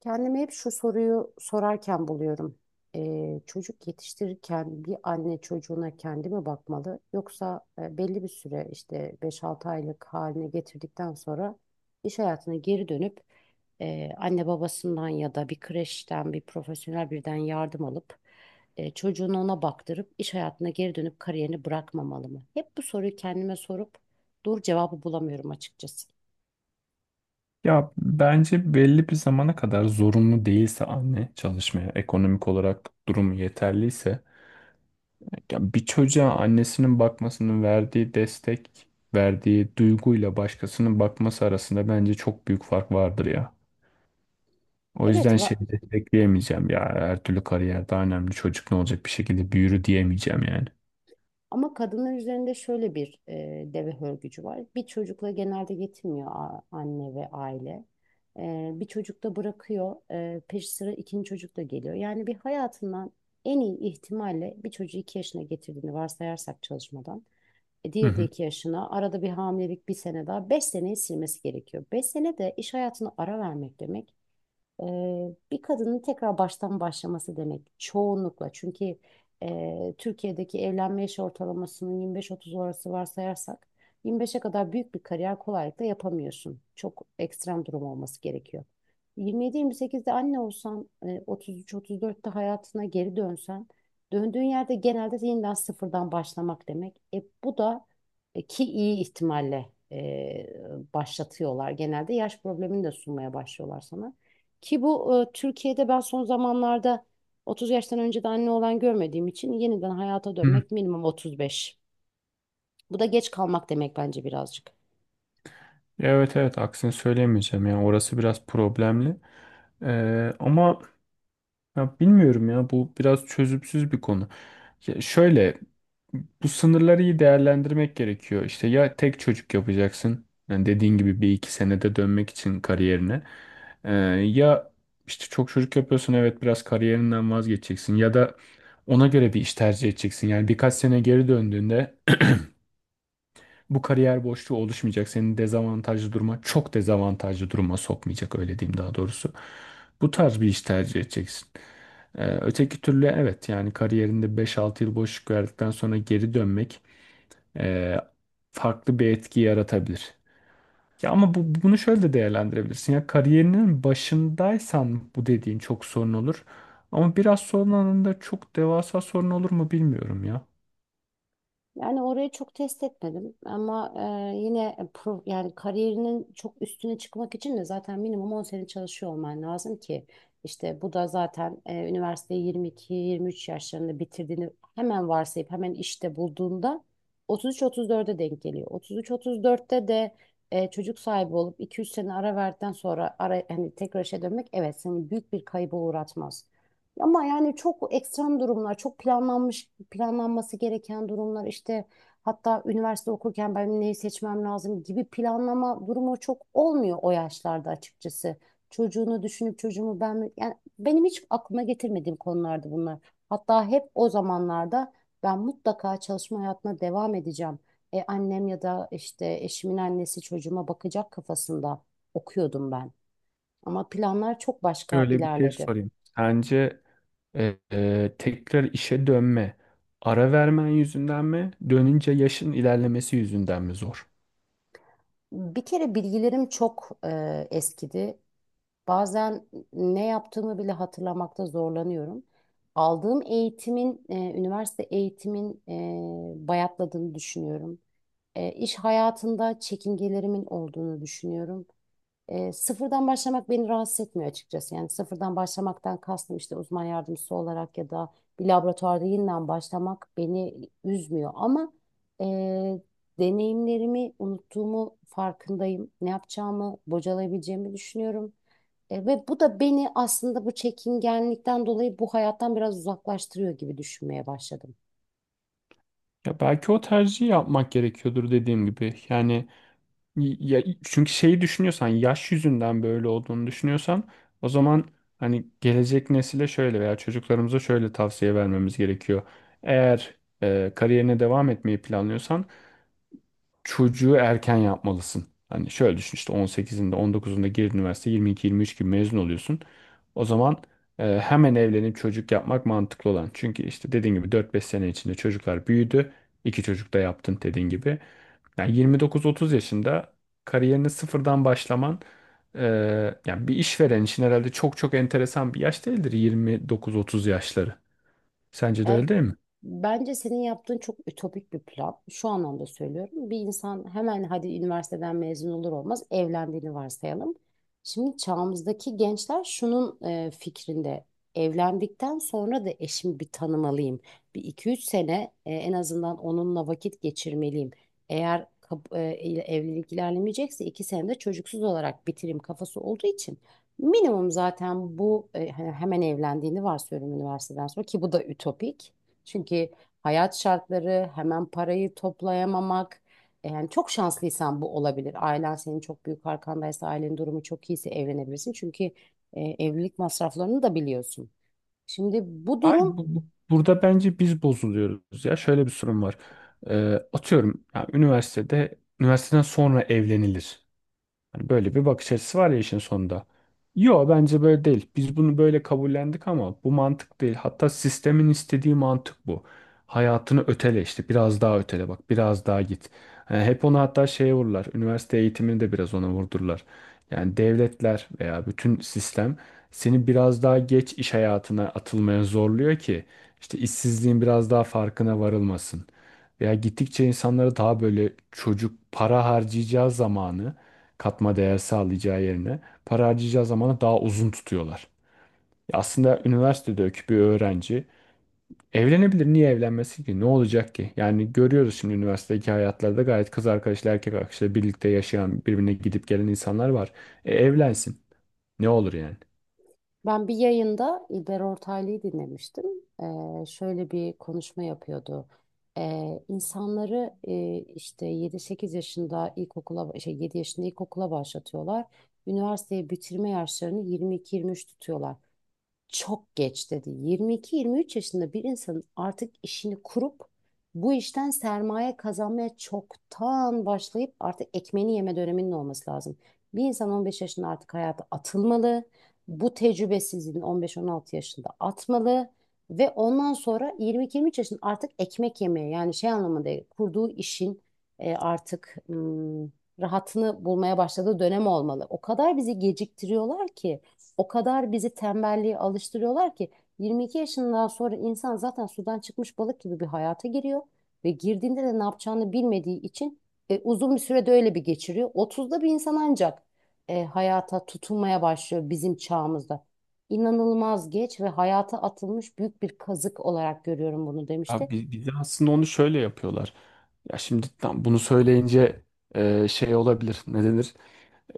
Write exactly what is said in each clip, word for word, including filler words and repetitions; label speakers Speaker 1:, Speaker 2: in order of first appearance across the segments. Speaker 1: Kendime hep şu soruyu sorarken buluyorum. Ee, çocuk yetiştirirken bir anne çocuğuna kendi mi bakmalı yoksa e, belli bir süre işte beş altı aylık haline getirdikten sonra iş hayatına geri dönüp e, anne babasından ya da bir kreşten bir profesyonel birden yardım alıp e, çocuğunu ona baktırıp iş hayatına geri dönüp kariyerini bırakmamalı mı? Hep bu soruyu kendime sorup doğru cevabı bulamıyorum açıkçası.
Speaker 2: Ya bence belli bir zamana kadar zorunlu değilse anne çalışmaya, ekonomik olarak durumu yeterliyse, ya bir çocuğa annesinin bakmasının verdiği destek, verdiği duyguyla başkasının bakması arasında bence çok büyük fark vardır ya. O
Speaker 1: Evet,
Speaker 2: yüzden şey
Speaker 1: va-
Speaker 2: destekleyemeyeceğim, ya her türlü kariyer daha önemli, çocuk ne olacak bir şekilde büyür diyemeyeceğim yani.
Speaker 1: Ama kadınlar üzerinde şöyle bir e, deve hörgücü var. Bir çocukla genelde yetinmiyor a- anne ve aile. E, bir çocuk da bırakıyor. E, peşi sıra ikinci çocuk da geliyor. Yani bir hayatından en iyi ihtimalle bir çocuğu iki yaşına getirdiğini varsayarsak çalışmadan. E,
Speaker 2: Hı
Speaker 1: diğeri de
Speaker 2: hı.
Speaker 1: iki yaşına. Arada bir hamilelik bir sene daha. Beş seneyi silmesi gerekiyor. Beş sene de iş hayatına ara vermek demek. Eee, bir kadının tekrar baştan başlaması demek çoğunlukla. Çünkü eee, Türkiye'deki evlenme yaş ortalamasının yirmi beş otuz arası varsayarsak yirmi beşe kadar büyük bir kariyer kolaylıkla yapamıyorsun. Çok ekstrem durum olması gerekiyor. yirmi yedi yirmi sekizde anne olsan, eee, otuz üç otuz dörtte hayatına geri dönsen, döndüğün yerde genelde yeniden sıfırdan başlamak demek. E, bu da e, ki iyi ihtimalle eee, başlatıyorlar. Genelde yaş problemini de sunmaya başlıyorlar sana. Ki bu e, Türkiye'de ben son zamanlarda otuz yaştan önce de anne olan görmediğim için yeniden hayata
Speaker 2: Hı hı.
Speaker 1: dönmek minimum otuz beş. Bu da geç kalmak demek bence birazcık.
Speaker 2: Evet, evet, aksini söyleyemeyeceğim yani orası biraz problemli. Ee, ama ya bilmiyorum, ya bu biraz çözümsüz bir konu. Ya şöyle, bu sınırları iyi değerlendirmek gerekiyor. İşte ya tek çocuk yapacaksın. Yani dediğin gibi bir iki senede dönmek için kariyerine. Ee, Ya işte çok çocuk yapıyorsun, evet, biraz kariyerinden vazgeçeceksin. Ya da ona göre bir iş tercih edeceksin. Yani birkaç sene geri döndüğünde bu kariyer boşluğu oluşmayacak. Senin dezavantajlı duruma, çok dezavantajlı duruma sokmayacak, öyle diyeyim daha doğrusu. Bu tarz bir iş tercih edeceksin. Ee, öteki türlü evet, yani kariyerinde beş altı yıl boşluk verdikten sonra geri dönmek e, farklı bir etki yaratabilir. Ya ama bu, bunu şöyle de değerlendirebilirsin. Ya kariyerinin başındaysan bu dediğin çok sorun olur. Ama biraz sonralarında çok devasa sorun olur mu bilmiyorum ya.
Speaker 1: Yani orayı çok test etmedim ama e, yine e, pro, yani kariyerinin çok üstüne çıkmak için de zaten minimum on sene çalışıyor olman lazım ki işte bu da zaten e, üniversiteyi yirmi iki yirmi üç yaşlarında bitirdiğini hemen varsayıp hemen işte bulduğunda otuz üç otuz dörde denk geliyor. otuz üç otuz dörtte de e, çocuk sahibi olup iki üç sene ara verdikten sonra ara, hani tekrar işe dönmek evet seni büyük bir kayba uğratmaz. Ama yani çok ekstrem durumlar, çok planlanmış, planlanması gereken durumlar işte hatta üniversite okurken ben neyi seçmem lazım gibi planlama durumu çok olmuyor o yaşlarda açıkçası. Çocuğunu düşünüp çocuğumu ben mi- yani benim hiç aklıma getirmediğim konulardı bunlar. Hatta hep o zamanlarda ben mutlaka çalışma hayatına devam edeceğim. E, annem ya da işte eşimin annesi çocuğuma bakacak kafasında okuyordum ben. Ama planlar çok başka
Speaker 2: Şöyle bir şey
Speaker 1: ilerledi.
Speaker 2: sorayım. Sence Ee, e, tekrar işe dönme, ara vermen yüzünden mi, dönünce yaşın ilerlemesi yüzünden mi zor?
Speaker 1: Bir kere bilgilerim çok e, eskidi. Bazen ne yaptığımı bile hatırlamakta zorlanıyorum. Aldığım eğitimin, e, üniversite eğitimin e, bayatladığını düşünüyorum. E, iş hayatında çekingelerimin olduğunu düşünüyorum. E, sıfırdan başlamak beni rahatsız etmiyor açıkçası. Yani sıfırdan başlamaktan kastım işte uzman yardımcısı olarak ya da bir laboratuvarda yeniden başlamak beni üzmüyor. Ama e, deneyimlerimi unuttuğumu farkındayım. Ne yapacağımı, bocalayabileceğimi düşünüyorum. E, ve bu da beni aslında bu çekingenlikten dolayı bu hayattan biraz uzaklaştırıyor gibi düşünmeye başladım.
Speaker 2: Ya belki o tercihi yapmak gerekiyordur dediğim gibi. Yani ya, çünkü şeyi düşünüyorsan, yaş yüzünden böyle olduğunu düşünüyorsan, o zaman hani gelecek nesile şöyle veya çocuklarımıza şöyle tavsiye vermemiz gerekiyor. Eğer e, kariyerine devam etmeyi planlıyorsan çocuğu erken yapmalısın. Hani şöyle düşün, işte on sekizinde on dokuzunda gir üniversite, yirmi iki yirmi üç gibi mezun oluyorsun. O zaman e, hemen evlenip çocuk yapmak mantıklı olan. Çünkü işte dediğin gibi dört beş sene içinde çocuklar büyüdü. İki çocuk da yaptın dediğin gibi. Yani yirmi dokuz otuz yaşında kariyerini sıfırdan başlaman, e, yani bir işveren için herhalde çok çok enteresan bir yaş değildir yirmi dokuz otuz yaşları. Sence de
Speaker 1: E,
Speaker 2: öyle değil mi?
Speaker 1: Bence senin yaptığın çok ütopik bir plan. Şu anlamda söylüyorum. Bir insan hemen hadi üniversiteden mezun olur olmaz evlendiğini varsayalım. Şimdi çağımızdaki gençler şunun e, fikrinde. Evlendikten sonra da eşimi bir tanımalıyım. Bir iki üç sene e, en azından onunla vakit geçirmeliyim. Eğer kap- e, evlilik ilerlemeyecekse iki sene de çocuksuz olarak bitireyim kafası olduğu için. Minimum zaten bu e, hani hemen evlendiğini varsayıyorum üniversiteden sonra ki bu da ütopik. Çünkü hayat şartları, hemen parayı toplayamamak. e, Yani çok şanslıysan bu olabilir. Ailen senin çok büyük arkandaysa, ailenin durumu çok iyiyse evlenebilirsin. Çünkü e, evlilik masraflarını da biliyorsun. Şimdi bu
Speaker 2: Ay,
Speaker 1: durum
Speaker 2: bu, bu- burada bence biz bozuluyoruz ya. Şöyle bir sorun var. Ee, atıyorum yani üniversitede üniversiteden sonra evlenilir. Hani böyle bir bakış açısı var ya işin sonunda. Yo, bence böyle değil. Biz bunu böyle kabullendik ama bu mantık değil. Hatta sistemin istediği mantık bu. Hayatını ötele işte. Biraz daha ötele bak. Biraz daha git. Yani hep onu hatta şeye vururlar. Üniversite eğitimini de biraz ona vurdurlar. Yani devletler veya bütün sistem seni biraz daha geç iş hayatına atılmaya zorluyor ki işte işsizliğin biraz daha farkına varılmasın. Veya gittikçe insanları daha böyle çocuk, para harcayacağı zamanı, katma değer sağlayacağı yerine, para harcayacağı zamanı daha uzun tutuyorlar. Ya aslında üniversitedeki bir öğrenci evlenebilir. Niye evlenmesin ki? Ne olacak ki? Yani görüyoruz, şimdi üniversitedeki hayatlarda gayet kız arkadaşlar erkek arkadaşlar birlikte yaşayan, birbirine gidip gelen insanlar var. E, evlensin. Ne olur yani?
Speaker 1: ben bir yayında İlber Ortaylı'yı dinlemiştim. E, şöyle bir konuşma yapıyordu. E, insanları e, işte yedi sekiz yaşında ilkokula, şey yedi yaşında ilkokula başlatıyorlar. Üniversiteyi bitirme yaşlarını yirmi iki yirmi üç tutuyorlar. Çok geç dedi. yirmi iki yirmi üç yaşında bir insanın artık işini kurup bu işten sermaye kazanmaya çoktan başlayıp artık ekmeğini yeme döneminin olması lazım. Bir insan on beş yaşında artık hayata atılmalı. Bu tecrübesizliğini on beş on altı yaşında atmalı. Ve ondan sonra yirmi iki yirmi üç yaşında artık ekmek yemeye yani şey anlamında değil, kurduğu işin e, artık hmm, rahatını bulmaya başladığı dönem olmalı. O kadar bizi geciktiriyorlar ki. O kadar bizi tembelliğe alıştırıyorlar ki yirmi iki yaşından sonra insan zaten sudan çıkmış balık gibi bir hayata giriyor ve girdiğinde de ne yapacağını bilmediği için e, uzun bir sürede öyle bir geçiriyor. otuzda bir insan ancak e, hayata tutunmaya başlıyor bizim çağımızda. İnanılmaz geç ve hayata atılmış büyük bir kazık olarak görüyorum bunu
Speaker 2: Abi
Speaker 1: demişti.
Speaker 2: bi- bir de aslında onu şöyle yapıyorlar. Ya şimdi tam bunu söyleyince e, şey olabilir. Ne denir?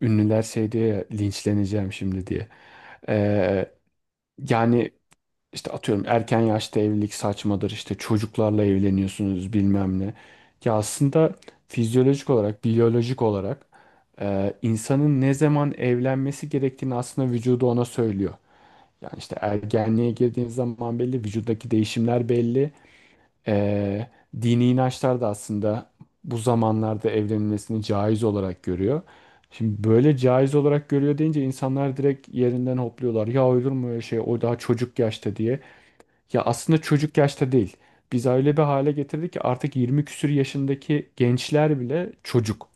Speaker 2: Ünlüler şey diye ya, linçleneceğim şimdi diye. E, Yani işte atıyorum, erken yaşta evlilik saçmadır. İşte çocuklarla evleniyorsunuz bilmem ne. Ya aslında fizyolojik olarak, biyolojik olarak e, insanın ne zaman evlenmesi gerektiğini aslında vücudu ona söylüyor. Yani işte ergenliğe girdiğin zaman belli, vücuttaki değişimler belli. Ee, Dini inançlar da aslında bu zamanlarda evlenilmesini caiz olarak görüyor. Şimdi böyle caiz olarak görüyor deyince insanlar direkt yerinden hopluyorlar. Ya olur mu öyle şey, o daha çocuk yaşta diye. Ya aslında çocuk yaşta değil. Biz öyle bir hale getirdik ki artık yirmi küsür yaşındaki gençler bile çocuk.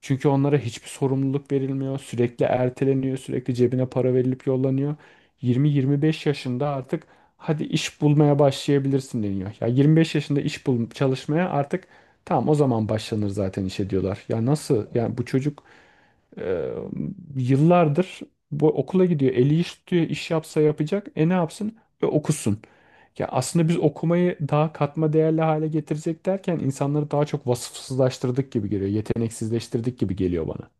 Speaker 2: Çünkü onlara hiçbir sorumluluk verilmiyor. Sürekli erteleniyor. Sürekli cebine para verilip yollanıyor. yirmi yirmi beş yaşında artık hadi iş bulmaya başlayabilirsin deniyor. Ya yirmi beş yaşında iş bul, çalışmaya artık, tamam o zaman başlanır zaten işe diyorlar. Ya nasıl? Yani bu çocuk ee, yıllardır bu okula gidiyor. Eli iş tutuyor, iş yapsa yapacak. E, ne yapsın? E, okusun. Ya aslında biz okumayı daha katma değerli hale getirecek derken insanları daha çok vasıfsızlaştırdık gibi geliyor. Yeteneksizleştirdik gibi geliyor bana.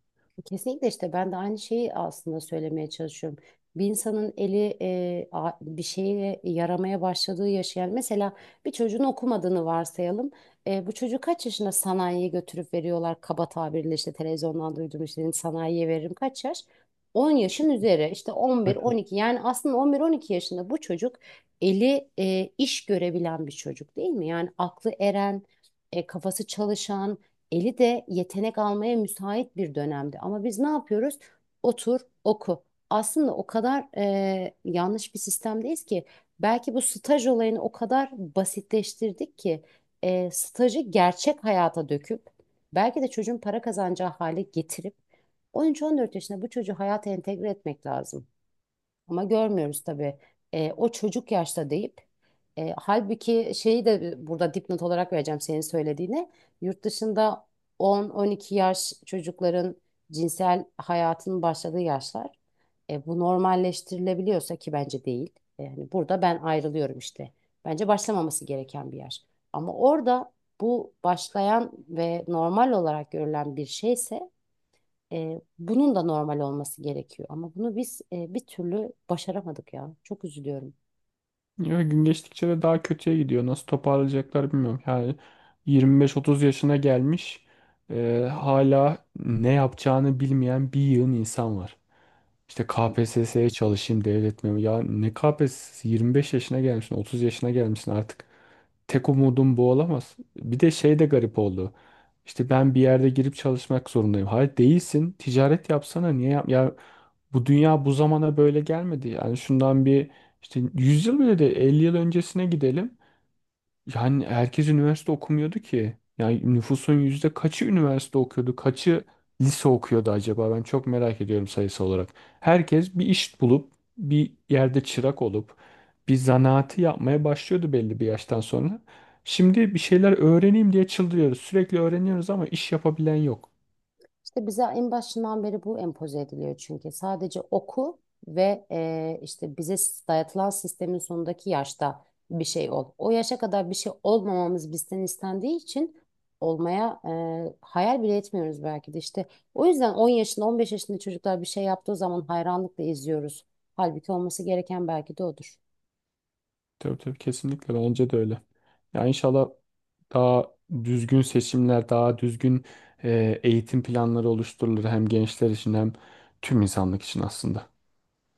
Speaker 1: Kesinlikle işte ben de aynı şeyi aslında söylemeye çalışıyorum. Bir insanın eli e, a- bir şeye yaramaya başladığı yaşayan mesela bir çocuğun okumadığını varsayalım. E, bu çocuğu kaç yaşında sanayiye götürüp veriyorlar kaba tabirle işte televizyondan duyduğum işte sanayiye veririm kaç yaş? on
Speaker 2: İşte.
Speaker 1: yaşın üzeri işte
Speaker 2: Evet.
Speaker 1: on bir on iki yani aslında on bir on iki yaşında bu çocuk eli e, iş görebilen bir çocuk değil mi? Yani aklı eren, e, kafası çalışan eli de yetenek almaya müsait bir dönemdi. Ama biz ne yapıyoruz? Otur, oku. Aslında o kadar e, yanlış bir sistemdeyiz ki belki bu staj olayını o kadar basitleştirdik ki e, stajı gerçek hayata döküp belki de çocuğun para kazanacağı hale getirip on üç on dört yaşında bu çocuğu hayata entegre etmek lazım. Ama görmüyoruz tabii. E, o çocuk yaşta deyip e, halbuki şeyi de burada dipnot olarak vereceğim senin söylediğine. Yurt dışında on on iki yaş çocukların cinsel hayatının başladığı yaşlar. E, bu normalleştirilebiliyorsa ki bence değil. E, Yani burada ben ayrılıyorum işte. Bence başlamaması gereken bir yaş. Ama orada bu başlayan ve normal olarak görülen bir şeyse e, bunun da normal olması gerekiyor. Ama bunu biz e, bir türlü başaramadık ya. Çok üzülüyorum.
Speaker 2: Ya gün geçtikçe de daha kötüye gidiyor. Nasıl toparlayacaklar bilmiyorum. Yani yirmi beş otuz yaşına gelmiş, e, hala ne yapacağını bilmeyen bir yığın insan var. İşte K P S S'ye çalışayım, devlet memuru. Ya ne K P S S, yirmi beş yaşına gelmişsin, otuz yaşına gelmişsin artık. Tek umudum bu olamaz. Bir de şey de garip oldu. İşte ben bir yerde girip çalışmak zorundayım. Hayır, değilsin. Ticaret yapsana. Niye yap? Ya bu dünya bu zamana böyle gelmedi. Yani şundan bir, işte yüz yıl bile de, elli yıl öncesine gidelim. Yani herkes üniversite okumuyordu ki. Yani nüfusun yüzde kaçı üniversite okuyordu, kaçı lise okuyordu acaba? Ben çok merak ediyorum sayısı olarak. Herkes bir iş bulup, bir yerde çırak olup, bir zanaatı yapmaya başlıyordu belli bir yaştan sonra. Şimdi bir şeyler öğreneyim diye çıldırıyoruz. Sürekli öğreniyoruz ama iş yapabilen yok.
Speaker 1: İşte bize en başından beri bu empoze ediliyor çünkü. Sadece oku ve e, işte bize dayatılan sistemin sonundaki yaşta bir şey ol. O yaşa kadar bir şey olmamamız bizden istendiği için olmaya e, hayal bile etmiyoruz belki de işte. O yüzden on yaşında on beş yaşında çocuklar bir şey yaptığı zaman hayranlıkla izliyoruz. Halbuki olması gereken belki de odur.
Speaker 2: Tabii tabii, kesinlikle bence de öyle. Ya inşallah daha düzgün seçimler, daha düzgün e, eğitim planları oluşturulur hem gençler için hem tüm insanlık için aslında.